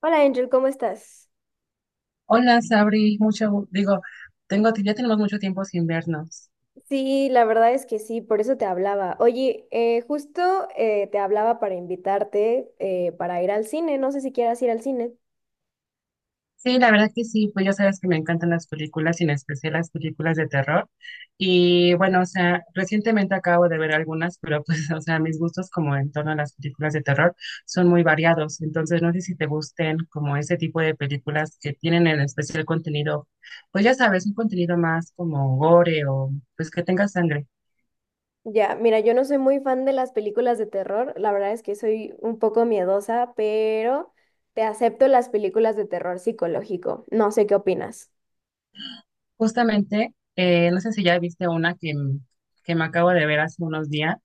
Hola Angel, ¿cómo estás? Hola, Sabri, ya tenemos mucho tiempo sin vernos. Sí, la verdad es que sí, por eso te hablaba. Oye, justo te hablaba para invitarte para ir al cine, no sé si quieras ir al cine. Sí, la verdad que sí, pues ya sabes que me encantan las películas y en especial las películas de terror. Y bueno, o sea, recientemente acabo de ver algunas, pero pues, o sea, mis gustos como en torno a las películas de terror son muy variados. Entonces, no sé si te gusten como ese tipo de películas que tienen en especial contenido, pues ya sabes, un contenido más como gore o pues que tenga sangre. Ya, mira, yo no soy muy fan de las películas de terror, la verdad es que soy un poco miedosa, pero te acepto las películas de terror psicológico, no sé qué opinas. Justamente, no sé si ya viste una que me acabo de ver hace unos días,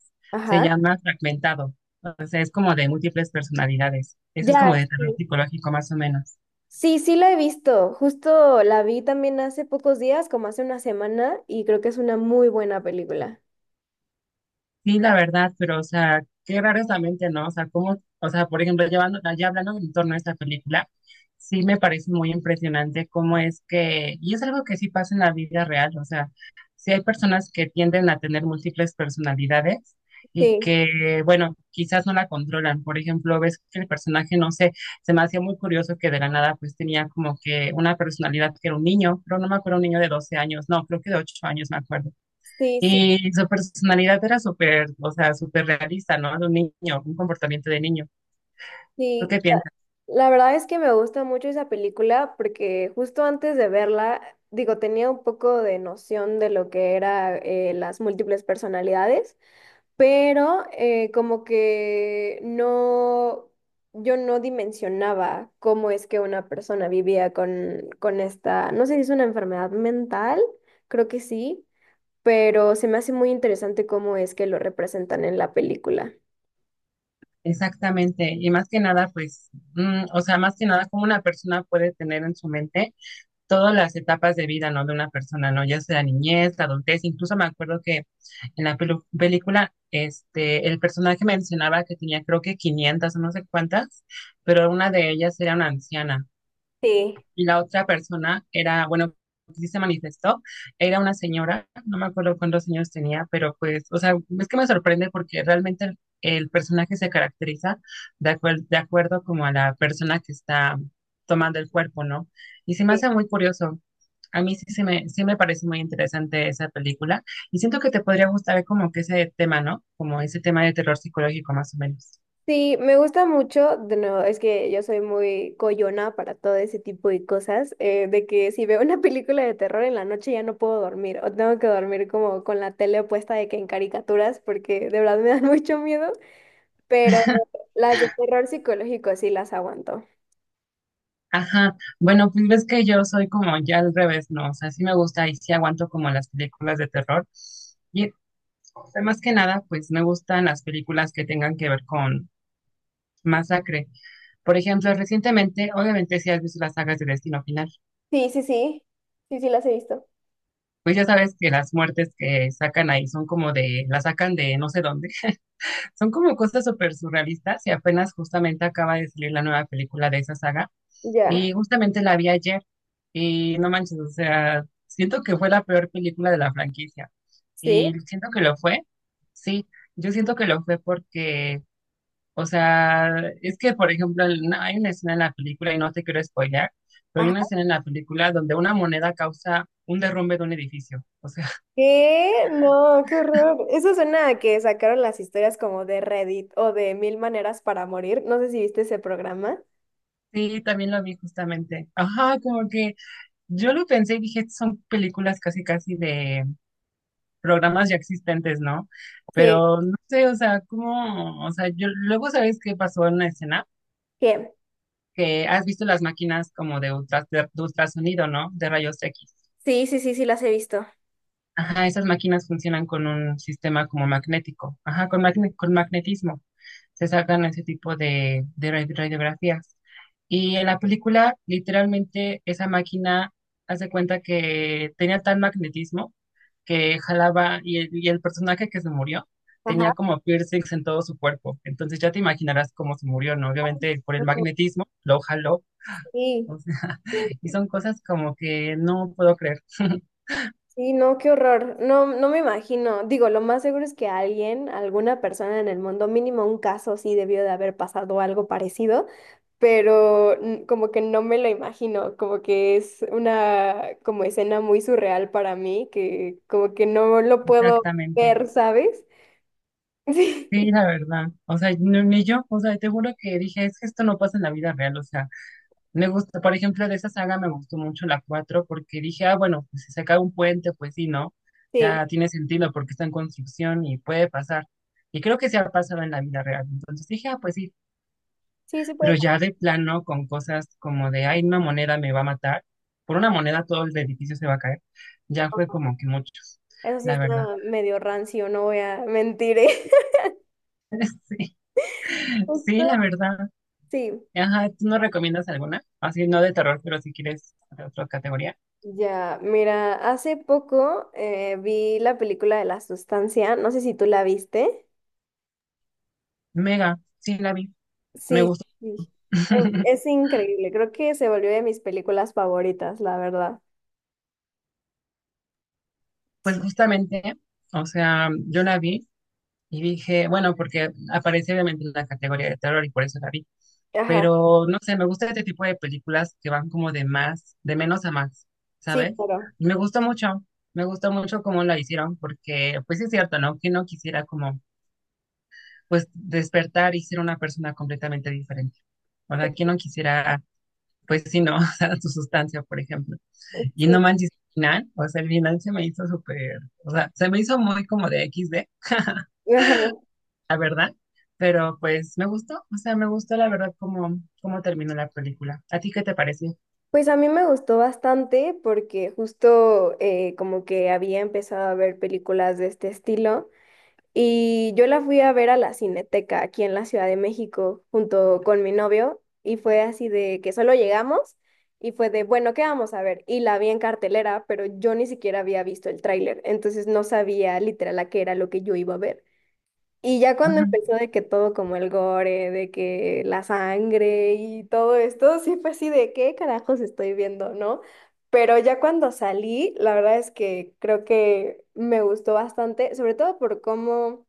se Ajá. llama Fragmentado, o sea, es como de múltiples personalidades, eso es Ya, como de terror sí. psicológico más o menos. Sí, sí la he visto, justo la vi también hace pocos días, como hace una semana, y creo que es una muy buena película. Sí, la verdad, pero, o sea, qué raro es la mente, ¿no? O sea, cómo, o sea, por ejemplo, ya hablando en torno a esta película, sí me parece muy impresionante cómo es que, y es algo que sí pasa en la vida real, o sea, sí hay personas que tienden a tener múltiples personalidades y Sí. que, bueno, quizás no la controlan. Por ejemplo, ves que el personaje, no sé, se me hacía muy curioso que de la nada, pues tenía como que una personalidad que era un niño, pero no me acuerdo, un niño de 12 años, no, creo que de 8 años, me acuerdo, Sí, sí, y su personalidad era súper, o sea, súper realista, ¿no? De un niño, un comportamiento de niño. ¿Tú sí. qué La, piensas? la verdad es que me gusta mucho esa película porque justo antes de verla, digo, tenía un poco de noción de lo que era las múltiples personalidades, pero como que no, yo no dimensionaba cómo es que una persona vivía con esta, no sé si es una enfermedad mental, creo que sí, pero se me hace muy interesante cómo es que lo representan en la película. Exactamente. Y más que nada, pues, o sea, más que nada, como una persona puede tener en su mente todas las etapas de vida, ¿no? De una persona, ¿no? Ya sea la niñez, la adultez. Incluso me acuerdo que en la película, este, el personaje mencionaba que tenía, creo que 500 o no sé cuántas, pero una de ellas era una anciana. Sí, Y la otra persona era, bueno, sí se manifestó, era una señora, no me acuerdo cuántos años tenía, pero pues, o sea, es que me sorprende porque realmente el personaje se caracteriza de acuerdo como a la persona que está tomando el cuerpo, ¿no? Y se me sí. hace muy curioso. A mí sí, sí me parece muy interesante esa película y siento que te podría gustar como que ese tema, ¿no? Como ese tema de terror psicológico más o menos. Sí, me gusta mucho, de nuevo, es que yo soy muy coyona para todo ese tipo de cosas, de que si veo una película de terror en la noche ya no puedo dormir, o tengo que dormir como con la tele puesta de que en caricaturas, porque de verdad me dan mucho miedo, pero las de terror psicológico sí las aguanto. Ajá, bueno, pues ves que yo soy como ya al revés, ¿no? O sea, sí me gusta y sí aguanto como las películas de terror. Y o sea, más que nada, pues me gustan las películas que tengan que ver con masacre. Por ejemplo, recientemente, obviamente si has visto las sagas de Destino Final, Sí, sí, sí, sí, sí las he visto. pues ya sabes que las muertes que sacan ahí son como de, las sacan de no sé dónde, son como cosas súper surrealistas y apenas justamente acaba de salir la nueva película de esa saga. Ya, Y justamente la vi ayer y no manches, o sea, siento que fue la peor película de la franquicia. sí. Y siento que lo fue, sí, yo siento que lo fue porque, o sea, es que, por ejemplo, el- no, hay una escena en la película, y no te quiero spoilear, pero hay una escena en la película donde una moneda causa un derrumbe de un edificio. O sea, ¿Qué? No, qué horror. Eso suena a que sacaron las historias como de Reddit o de Mil Maneras para Morir. No sé si viste ese programa. sí, también lo vi justamente. Ajá, como que yo lo pensé y dije, son películas casi, casi de programas ya existentes, ¿no? Sí. Pero no sé, o sea, cómo, o sea, yo luego sabes qué pasó en la escena, ¿Qué? que has visto las máquinas como de, ultrasonido, ¿no? De rayos X. Sí, sí, sí, sí, las he visto. Ajá, esas máquinas funcionan con un sistema como magnético, ajá, con magnetismo. Se sacan ese tipo de, radiografías. Y en la película, literalmente, esa máquina hace cuenta que tenía tal magnetismo que jalaba y y el personaje que se murió Ajá. tenía como piercings en todo su cuerpo. Entonces ya te imaginarás cómo se murió, ¿no? Obviamente por el Ujú. magnetismo lo jaló. Sí, O sea, y son cosas como que no puedo creer. sí, no, qué horror. No, no me imagino. Digo, lo más seguro es que alguien, alguna persona en el mundo, mínimo un caso, sí debió de haber pasado algo parecido. Pero n- como que no me lo imagino, como que es una como escena muy surreal para mí, que como que no lo puedo ver, Exactamente. ¿sabes? Sí, Sí, la verdad. O sea, ni yo, o sea, te juro que dije, es que esto no pasa en la vida real, o sea, me gusta, por ejemplo, de esa saga me gustó mucho la 4 porque dije, ah, bueno, pues si se cae un puente, pues sí, ¿no? sí, Ya tiene sentido porque está en construcción y puede pasar. Y creo que se ha pasado en la vida real. Entonces dije, ah, pues sí, sí se puede pero ya de plano con cosas como de, ay, una moneda me va a matar. Por una moneda todo el edificio se va a caer. Ya fue pasar. como que muchos, Eso sí la verdad. está medio rancio, no voy a mentir, ¿eh? Sí, Justo, sí, la verdad. sí. Ajá, ¿tú no recomiendas alguna? Así, no de terror, pero si quieres de otra categoría. Ya, mira, hace poco vi la película de La Sustancia, no sé si tú la viste. Mega, sí la vi. Me Sí, sí. Es increíble, creo que se volvió de mis películas favoritas, la verdad. pues Sí. justamente, o sea, yo la vi y dije, bueno, porque aparece obviamente en la categoría de terror y por eso la vi, Ajá. pero no sé, me gusta este tipo de películas que van como de más, de menos a más, Sí, ¿sabes? claro. Y me gustó mucho cómo la hicieron, porque pues sí es cierto, ¿no? Que no quisiera como, pues despertar y ser una persona completamente diferente. O Sí, sea, ¿quién no quisiera, pues sí, no, o sea, su sustancia, por ejemplo? Y no sí. manches, el final, o sea, el final se me hizo súper, o sea, se me hizo muy como de XD, Ajá. la verdad, pero pues me gustó, o sea, me gustó la verdad cómo, cómo terminó la película. ¿A ti qué te pareció? Pues a mí me gustó bastante porque justo como que había empezado a ver películas de este estilo y yo la fui a ver a la Cineteca aquí en la Ciudad de México junto con mi novio y fue así de que solo llegamos y fue de, bueno, ¿qué vamos a ver? Y la vi en cartelera, pero yo ni siquiera había visto el tráiler, entonces no sabía literal a qué era lo que yo iba a ver. Y ya cuando Ujú, empezó de que todo como el gore, de que la sangre y todo esto, sí fue así de qué carajos estoy viendo, ¿no? Pero ya cuando salí, la verdad es que creo que me gustó bastante, sobre todo por cómo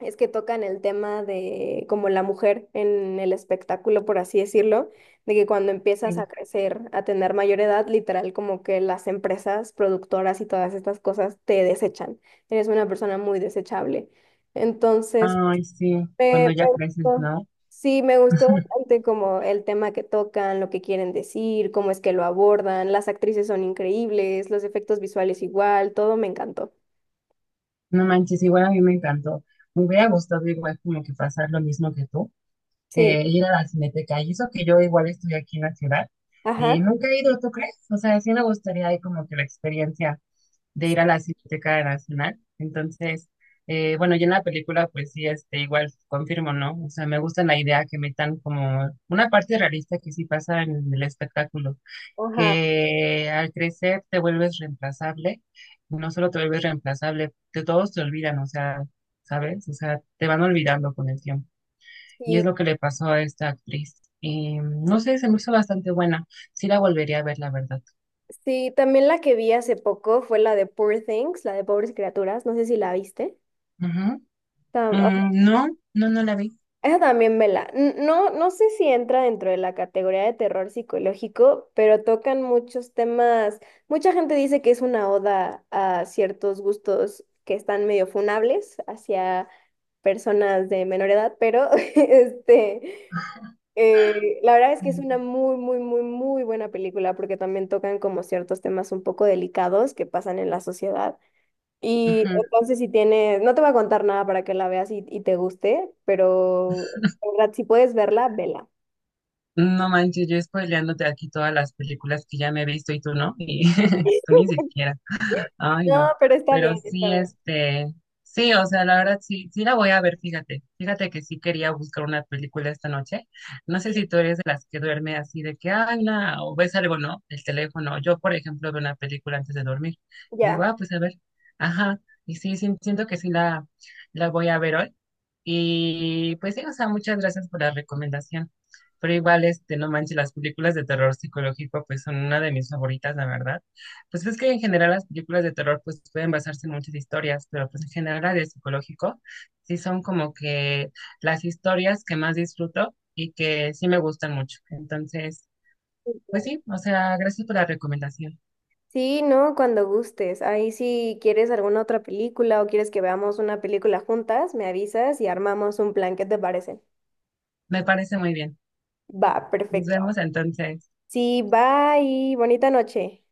es que tocan el tema de como la mujer en el espectáculo, por así decirlo, de que cuando empiezas a sí. crecer, a tener mayor edad, literal como que las empresas productoras y todas estas cosas te desechan. Eres una persona muy desechable. Entonces Ay, sí, cuando me, ya me creces, gustó. ¿no? Sí, me gustó bastante como el tema que tocan, lo que quieren decir, cómo es que lo abordan, las actrices son increíbles, los efectos visuales igual, todo me encantó. No manches, igual a mí me encantó. Me hubiera gustado igual como que pasar lo mismo que tú, Sí, ir a la Cineteca, y eso que yo igual estoy aquí en la ciudad, y ajá, nunca he ido, ¿tú crees? O sea, sí me gustaría ahí como que la experiencia de ir a la Cineteca Nacional. Entonces, bueno, yo en la película, pues sí, este, igual confirmo, ¿no? O sea, me gusta la idea que metan como una parte realista que sí pasa en el espectáculo, ajá. que al crecer te vuelves reemplazable, y no solo te vuelves reemplazable, de todos te olvidan, o sea, ¿sabes? O sea, te van olvidando con el tiempo. Y es Sí, lo que le pasó a esta actriz. Y, no sé, se me hizo bastante buena. Sí la volvería a ver, la verdad. sí, también la que vi hace poco fue la de Poor Things, la de Pobres Criaturas, no sé si la viste. Ujú. No, no, no la vi. Esa también vela. N- No, no sé si entra dentro de la categoría de terror psicológico, pero tocan muchos temas. Mucha gente dice que es una oda a ciertos gustos que están medio funables hacia personas de menor edad, pero este, la verdad es que es Ujú. una muy, muy, muy, muy buena película porque también tocan como ciertos temas un poco delicados que pasan en la sociedad. Y Ujú. entonces si tienes, no te voy a contar nada para que la veas y te guste, pero en verdad, si puedes verla, vela. No manches, yo spoileándote aquí todas las películas que ya me he visto y tú no, y tú ni siquiera. Ay, No, no, pero está pero bien, está sí, bien. este, sí, o sea, la verdad sí, sí la voy a ver, fíjate, fíjate que sí quería buscar una película esta noche. No sé Sí, si tú eres de las que duerme así de que, ay, no, o ves algo, ¿no? El teléfono. Yo, por ejemplo, veo una película antes de dormir. Digo, ya. ah, pues a ver, ajá, y sí, sí, siento que la voy a ver hoy. Y pues sí, o sea, muchas gracias por la recomendación. Pero igual, este, no manches, las películas de terror psicológico, pues son una de mis favoritas, la verdad. Pues ves que en general las películas de terror pues pueden basarse en muchas historias, pero pues en general las de psicológico sí son como que las historias que más disfruto y que sí me gustan mucho. Entonces, pues sí, o sea, gracias por la recomendación. Sí, no, cuando gustes. Ahí si quieres alguna otra película o quieres que veamos una película juntas, me avisas y armamos un plan. ¿Qué te parece? Me parece muy bien. Va, Nos perfecto. vemos entonces. Sí, bye, bonita noche.